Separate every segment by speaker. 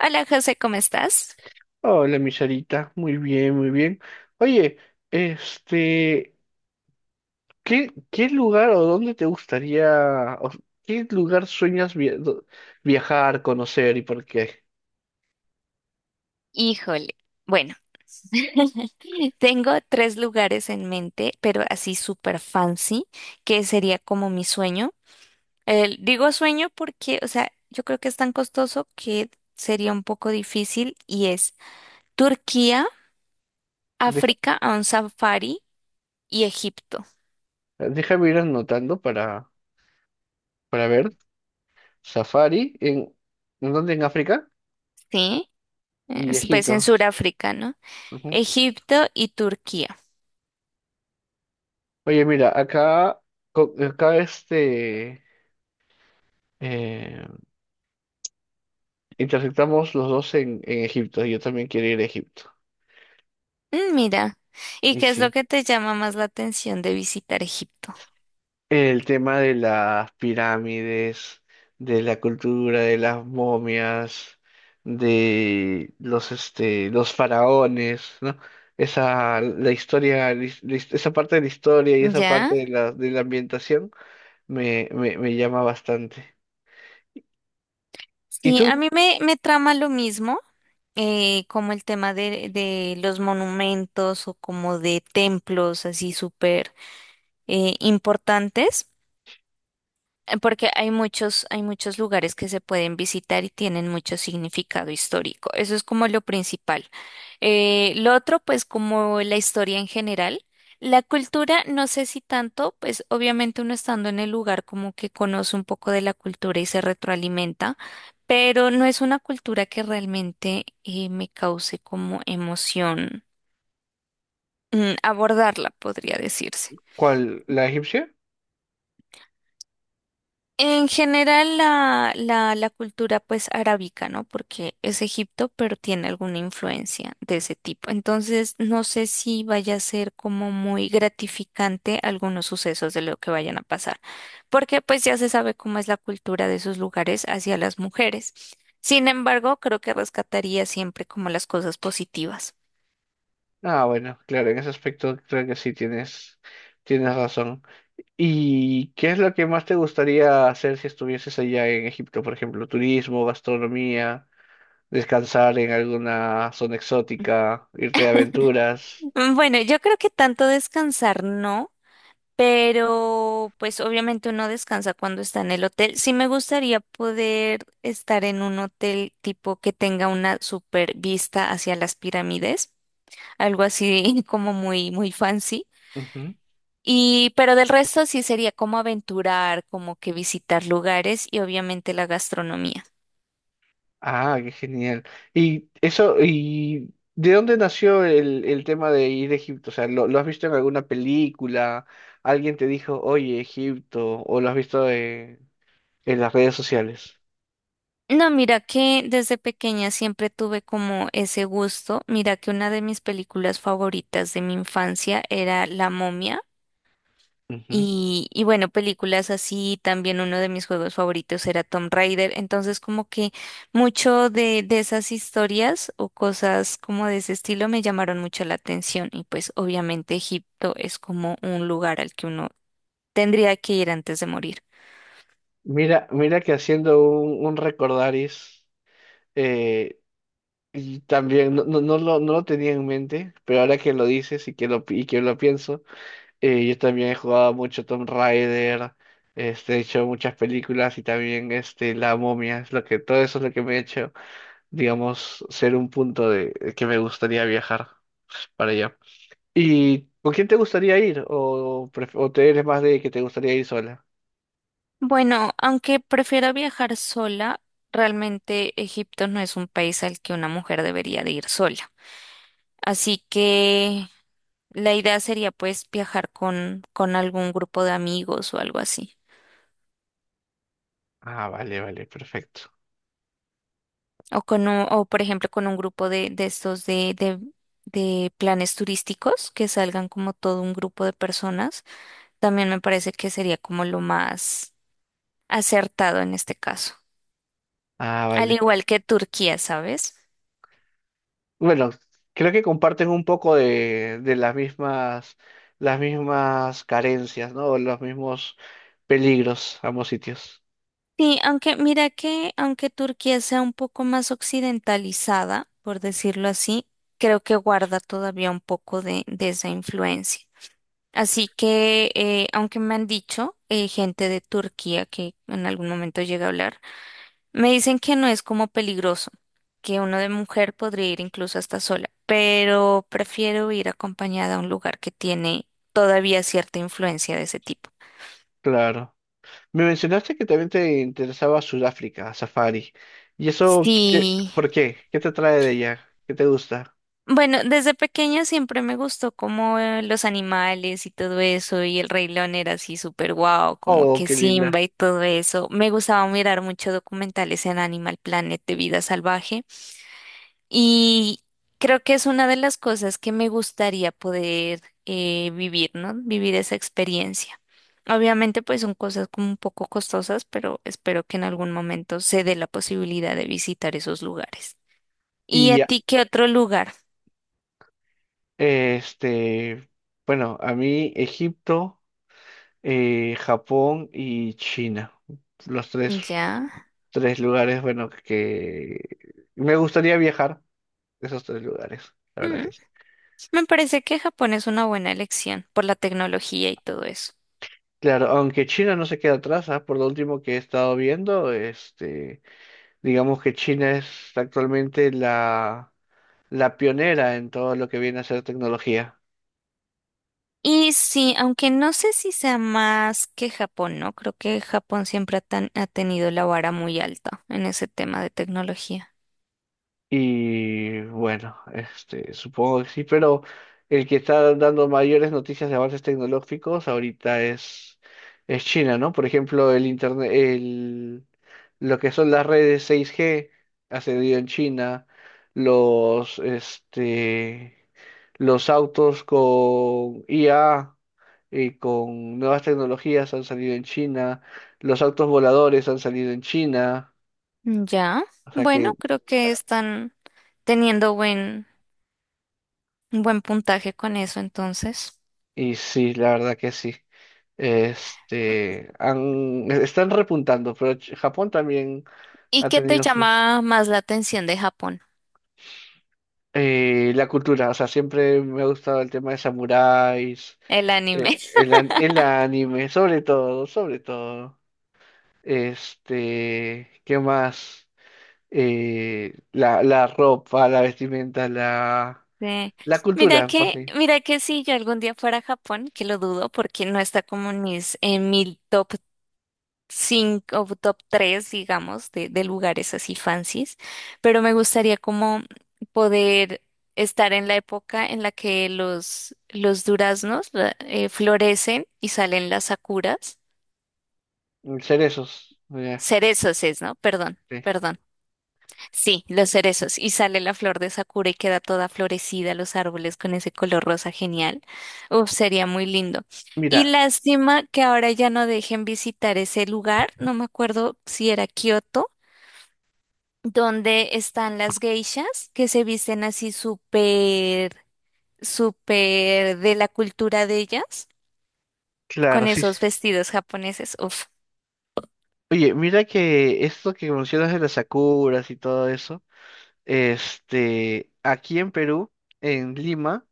Speaker 1: Hola José, ¿cómo estás?
Speaker 2: Hola, mi Sarita. Muy bien, muy bien. Oye, este, ¿qué lugar o dónde te gustaría, o qué lugar sueñas viajar, conocer y por qué?
Speaker 1: Híjole, bueno, tengo tres lugares en mente, pero así súper fancy, que sería como mi sueño. Digo sueño porque, o sea, yo creo que es tan costoso que sería un poco difícil, y es Turquía,
Speaker 2: Deja-
Speaker 1: África a un safari y Egipto.
Speaker 2: Déjame ir anotando para ver. Safari, ¿en dónde? En África
Speaker 1: ¿Sí?
Speaker 2: y
Speaker 1: Es, pues, en
Speaker 2: Egipto.
Speaker 1: Sudáfrica, ¿no?
Speaker 2: Ujú.
Speaker 1: Egipto y Turquía.
Speaker 2: Oye, mira, acá, acá eh, intersectamos los dos en Egipto. Yo también quiero ir a Egipto.
Speaker 1: Mira, ¿y
Speaker 2: Y
Speaker 1: qué es lo
Speaker 2: sí.
Speaker 1: que te llama más la atención de visitar Egipto?
Speaker 2: El tema de las pirámides, de la cultura, de las momias, de los faraones, ¿no? Esa, la historia, esa parte de la historia y esa
Speaker 1: ¿Ya?
Speaker 2: parte de de la ambientación me llama bastante. ¿Y
Speaker 1: Sí,
Speaker 2: tú?
Speaker 1: a mí me, me trama lo mismo, como el tema de los monumentos o como de templos así súper importantes. Porque hay muchos lugares que se pueden visitar y tienen mucho significado histórico. Eso es como lo principal. Lo otro, pues como la historia en general. La cultura, no sé si tanto. Pues obviamente uno estando en el lugar como que conoce un poco de la cultura y se retroalimenta, pero no es una cultura que realmente me cause como emoción, abordarla, podría decirse.
Speaker 2: ¿Cuál? ¿La egipcia?
Speaker 1: En general la, la cultura pues arábica, ¿no? Porque es Egipto, pero tiene alguna influencia de ese tipo. Entonces, no sé si vaya a ser como muy gratificante algunos sucesos de lo que vayan a pasar, porque pues ya se sabe cómo es la cultura de esos lugares hacia las mujeres. Sin embargo, creo que rescataría siempre como las cosas positivas.
Speaker 2: Ah, bueno, claro, en ese aspecto creo que tienes razón. ¿Y qué es lo que más te gustaría hacer si estuvieses allá en Egipto? Por ejemplo, turismo, gastronomía, descansar en alguna zona exótica, irte de aventuras.
Speaker 1: Bueno, yo creo que tanto descansar no. Pero pues obviamente uno descansa cuando está en el hotel. Sí me gustaría poder estar en un hotel tipo que tenga una super vista hacia las pirámides, algo así como muy muy fancy.
Speaker 2: Ujú.
Speaker 1: Y pero del resto sí sería como aventurar, como que visitar lugares y obviamente la gastronomía.
Speaker 2: Ah, qué genial. Y eso, ¿y de dónde nació el tema de ir a Egipto? O sea, lo has visto en alguna película? ¿Alguien te dijo, oye, Egipto? ¿O lo has visto en las redes sociales?
Speaker 1: No, mira que desde pequeña siempre tuve como ese gusto. Mira que una de mis películas favoritas de mi infancia era La Momia.
Speaker 2: Ujú.
Speaker 1: Y bueno, películas así, también uno de mis juegos favoritos era Tomb Raider, entonces como que mucho de esas historias o cosas como de ese estilo me llamaron mucho la atención, y pues obviamente Egipto es como un lugar al que uno tendría que ir antes de morir.
Speaker 2: Mira, mira que haciendo un recordaris. eh, Y también no, no lo tenía en mente, pero ahora que lo dices y que y que lo pienso, yo también he jugado mucho Tomb Raider, he hecho muchas películas y también La Momia, es lo que, todo eso es lo que me ha hecho, digamos, ser un punto de que me gustaría viajar para allá. ¿Y con quién te gustaría ir? O te eres más de que te gustaría ir sola?
Speaker 1: Bueno, aunque prefiero viajar sola, realmente Egipto no es un país al que una mujer debería de ir sola. Así que la idea sería pues viajar con algún grupo de amigos o algo así.
Speaker 2: Ah, vale, vale, perfecto.
Speaker 1: O por ejemplo con un grupo de estos de, de planes turísticos que salgan como todo un grupo de personas. También me parece que sería como lo más acertado en este caso.
Speaker 2: Ah,
Speaker 1: Al
Speaker 2: vale.
Speaker 1: igual que Turquía, ¿sabes?
Speaker 2: Bueno, creo que comparten un poco de las mismas carencias, ¿no? Los mismos peligros, ambos sitios.
Speaker 1: Sí, aunque mira que aunque Turquía sea un poco más occidentalizada, por decirlo así, creo que guarda todavía un poco de esa influencia. Así que, aunque me han dicho gente de Turquía que en algún momento llega a hablar, me dicen que no es como peligroso, que uno de mujer podría ir incluso hasta sola, pero prefiero ir acompañada a un lugar que tiene todavía cierta influencia de ese tipo.
Speaker 2: Claro. Me mencionaste que también te interesaba Sudáfrica, Safari. ¿Y eso qué,
Speaker 1: Sí.
Speaker 2: por qué? ¿Qué te trae de ella? ¿Qué te gusta?
Speaker 1: Bueno, desde pequeña siempre me gustó como los animales y todo eso, y el Rey León era así súper guau, como
Speaker 2: Oh,
Speaker 1: que
Speaker 2: qué
Speaker 1: Simba
Speaker 2: linda.
Speaker 1: y todo eso. Me gustaba mirar muchos documentales en Animal Planet de vida salvaje, y creo que es una de las cosas que me gustaría poder vivir, ¿no? Vivir esa experiencia. Obviamente, pues son cosas como un poco costosas, pero espero que en algún momento se dé la posibilidad de visitar esos lugares. ¿Y
Speaker 2: Y
Speaker 1: a
Speaker 2: ya,
Speaker 1: ti qué otro lugar?
Speaker 2: este, bueno, a mí Egipto, Japón y China. Los tres
Speaker 1: Ya.
Speaker 2: Tres lugares, bueno, que me gustaría viajar esos tres lugares, la verdad
Speaker 1: Mm,
Speaker 2: que sí.
Speaker 1: Me parece que Japón es una buena elección por la tecnología y todo eso.
Speaker 2: Claro, aunque China no se queda atrás, ¿ah? Por lo último que he estado viendo, digamos que China es actualmente la pionera en todo lo que viene a ser tecnología.
Speaker 1: Y sí, aunque no sé si sea más que Japón, ¿no? Creo que Japón siempre ha, ha tenido la vara muy alta en ese tema de tecnología.
Speaker 2: Y bueno, supongo que sí, pero el que está dando mayores noticias de avances tecnológicos ahorita es China, ¿no? Por ejemplo, el internet, lo que son las redes 6G ha cedido en China, los, este, los autos con IA y con nuevas tecnologías han salido en China, los autos voladores han salido en China,
Speaker 1: Ya,
Speaker 2: o sea que
Speaker 1: bueno, creo que están teniendo un buen puntaje con eso entonces.
Speaker 2: Y sí, la verdad que sí. Están repuntando, pero Japón también
Speaker 1: ¿Y
Speaker 2: ha
Speaker 1: qué te
Speaker 2: tenido sus...
Speaker 1: llama más la atención de Japón?
Speaker 2: la cultura, o sea, siempre me ha gustado el tema de samuráis,
Speaker 1: El anime.
Speaker 2: el anime, sobre todo, sobre todo. Este, ¿qué más? La ropa, la vestimenta,
Speaker 1: Sí.
Speaker 2: la cultura, por sí.
Speaker 1: Mira que si yo algún día fuera a Japón, que lo dudo porque no está como en mi top 5 o top tres, digamos, de lugares así fancies, pero me gustaría como poder estar en la época en la que los duraznos florecen y salen las sakuras.
Speaker 2: Cerezos. Mira,
Speaker 1: Cerezos es, ¿no? Perdón,
Speaker 2: sí.
Speaker 1: perdón. Sí, los cerezos. Y sale la flor de Sakura y queda toda florecida los árboles con ese color rosa genial. Uf, sería muy lindo. Y
Speaker 2: Mira,
Speaker 1: lástima que ahora ya no dejen visitar ese lugar. No me acuerdo si era Kioto, donde están las geishas que se visten así súper, súper de la cultura de ellas,
Speaker 2: claro,
Speaker 1: con
Speaker 2: sí, sí.
Speaker 1: esos vestidos japoneses. Uf,
Speaker 2: Oye, mira que esto que mencionas de las sakuras y todo eso, aquí en Perú, en Lima,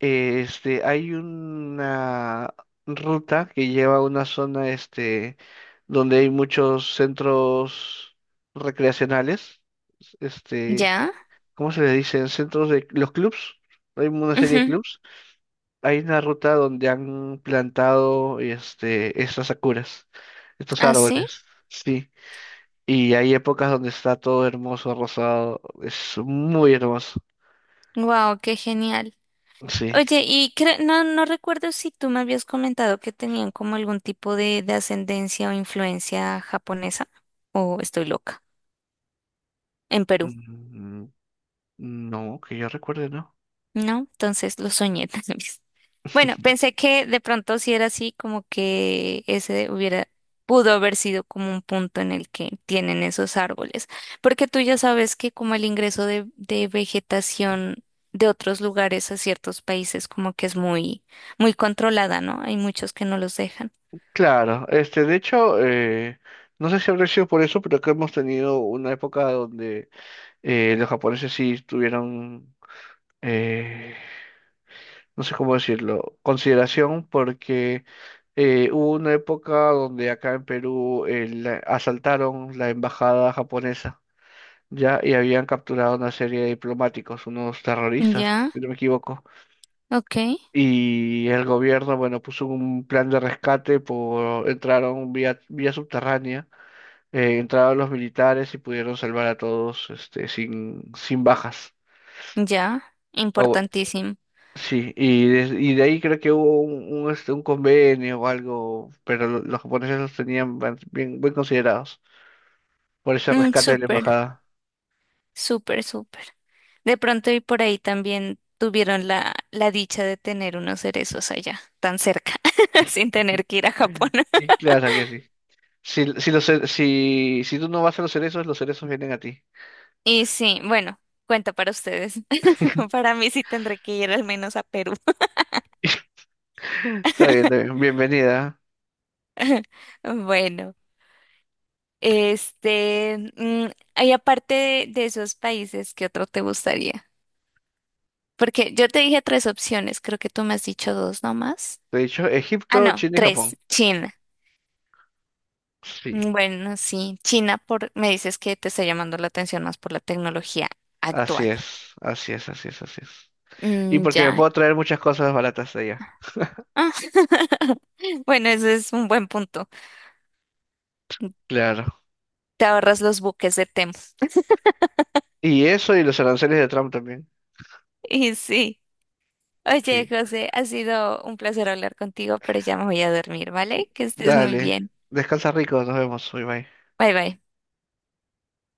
Speaker 2: hay una ruta que lleva a una zona, donde hay muchos centros recreacionales, este,
Speaker 1: ¿ya?
Speaker 2: ¿cómo se le dicen? Centros de los clubs, hay una serie de
Speaker 1: Ujú,
Speaker 2: clubs. Hay una ruta donde han plantado, estas sakuras, estos
Speaker 1: así.
Speaker 2: árboles, sí. Y hay épocas donde está todo hermoso, rosado. Es muy hermoso.
Speaker 1: Wow, qué genial.
Speaker 2: Sí.
Speaker 1: Oye, y no, no recuerdo si tú me habías comentado que tenían como algún tipo de ascendencia o influencia japonesa, o estoy loca, en Perú,
Speaker 2: Mm, no, que yo recuerde, ¿no?
Speaker 1: ¿no? Entonces lo soñé también. Bueno, pensé que de pronto si era así, como que ese hubiera, pudo haber sido como un punto en el que tienen esos árboles, porque tú ya sabes que como el ingreso de vegetación de otros lugares a ciertos países como que es muy, muy controlada, ¿no? Hay muchos que no los dejan.
Speaker 2: Claro, de hecho, no sé si habrá sido por eso, pero que hemos tenido una época donde los japoneses sí tuvieron, eh, no sé cómo decirlo, consideración porque hubo una época donde acá en Perú asaltaron la embajada japonesa. Ya, y habían capturado una serie de diplomáticos, unos terroristas,
Speaker 1: Ya,
Speaker 2: si no me equivoco.
Speaker 1: ok,
Speaker 2: Y el gobierno, bueno, puso un plan de rescate por, entraron vía subterránea, entraron los militares y pudieron salvar a todos, sin bajas.
Speaker 1: ya,
Speaker 2: Bueno,
Speaker 1: importantísimo.
Speaker 2: sí, y de ahí creo que hubo un convenio o algo, pero los japoneses los tenían bien considerados por ese rescate de la
Speaker 1: Súper,
Speaker 2: embajada.
Speaker 1: súper, súper. De pronto y por ahí también tuvieron la, la dicha de tener unos cerezos allá, tan cerca, sin tener que ir a Japón.
Speaker 2: Y claro que sí. Si, los ce- si, si tú no vas a los cerezos vienen a ti.
Speaker 1: Y sí, bueno, cuenta para ustedes. Para mí sí tendré que ir al menos a Perú.
Speaker 2: Está bien, está bien. Bienvenida.
Speaker 1: Bueno, este, y aparte de esos países, ¿qué otro te gustaría? Porque yo te dije tres opciones, creo que tú me has dicho dos nomás.
Speaker 2: De hecho,
Speaker 1: Ah,
Speaker 2: Egipto,
Speaker 1: no,
Speaker 2: China y
Speaker 1: tres,
Speaker 2: Japón.
Speaker 1: China.
Speaker 2: Sí,
Speaker 1: Bueno, sí, China por, me dices que te está llamando la atención más por la tecnología
Speaker 2: así
Speaker 1: actual.
Speaker 2: es, así es, así es, así es. Y
Speaker 1: Mm,
Speaker 2: porque me
Speaker 1: ya.
Speaker 2: puedo traer muchas cosas baratas de allá.
Speaker 1: Ah, bueno, ese es un buen punto.
Speaker 2: Claro.
Speaker 1: Te ahorras los buques de Temo.
Speaker 2: Y eso y los aranceles de Trump también.
Speaker 1: Y sí. Oye,
Speaker 2: Sí.
Speaker 1: José, ha sido un placer hablar contigo, pero ya me voy a dormir, ¿vale? Que estés muy
Speaker 2: Dale.
Speaker 1: bien.
Speaker 2: Descansa rico, nos vemos. Bye bye.
Speaker 1: Bye bye.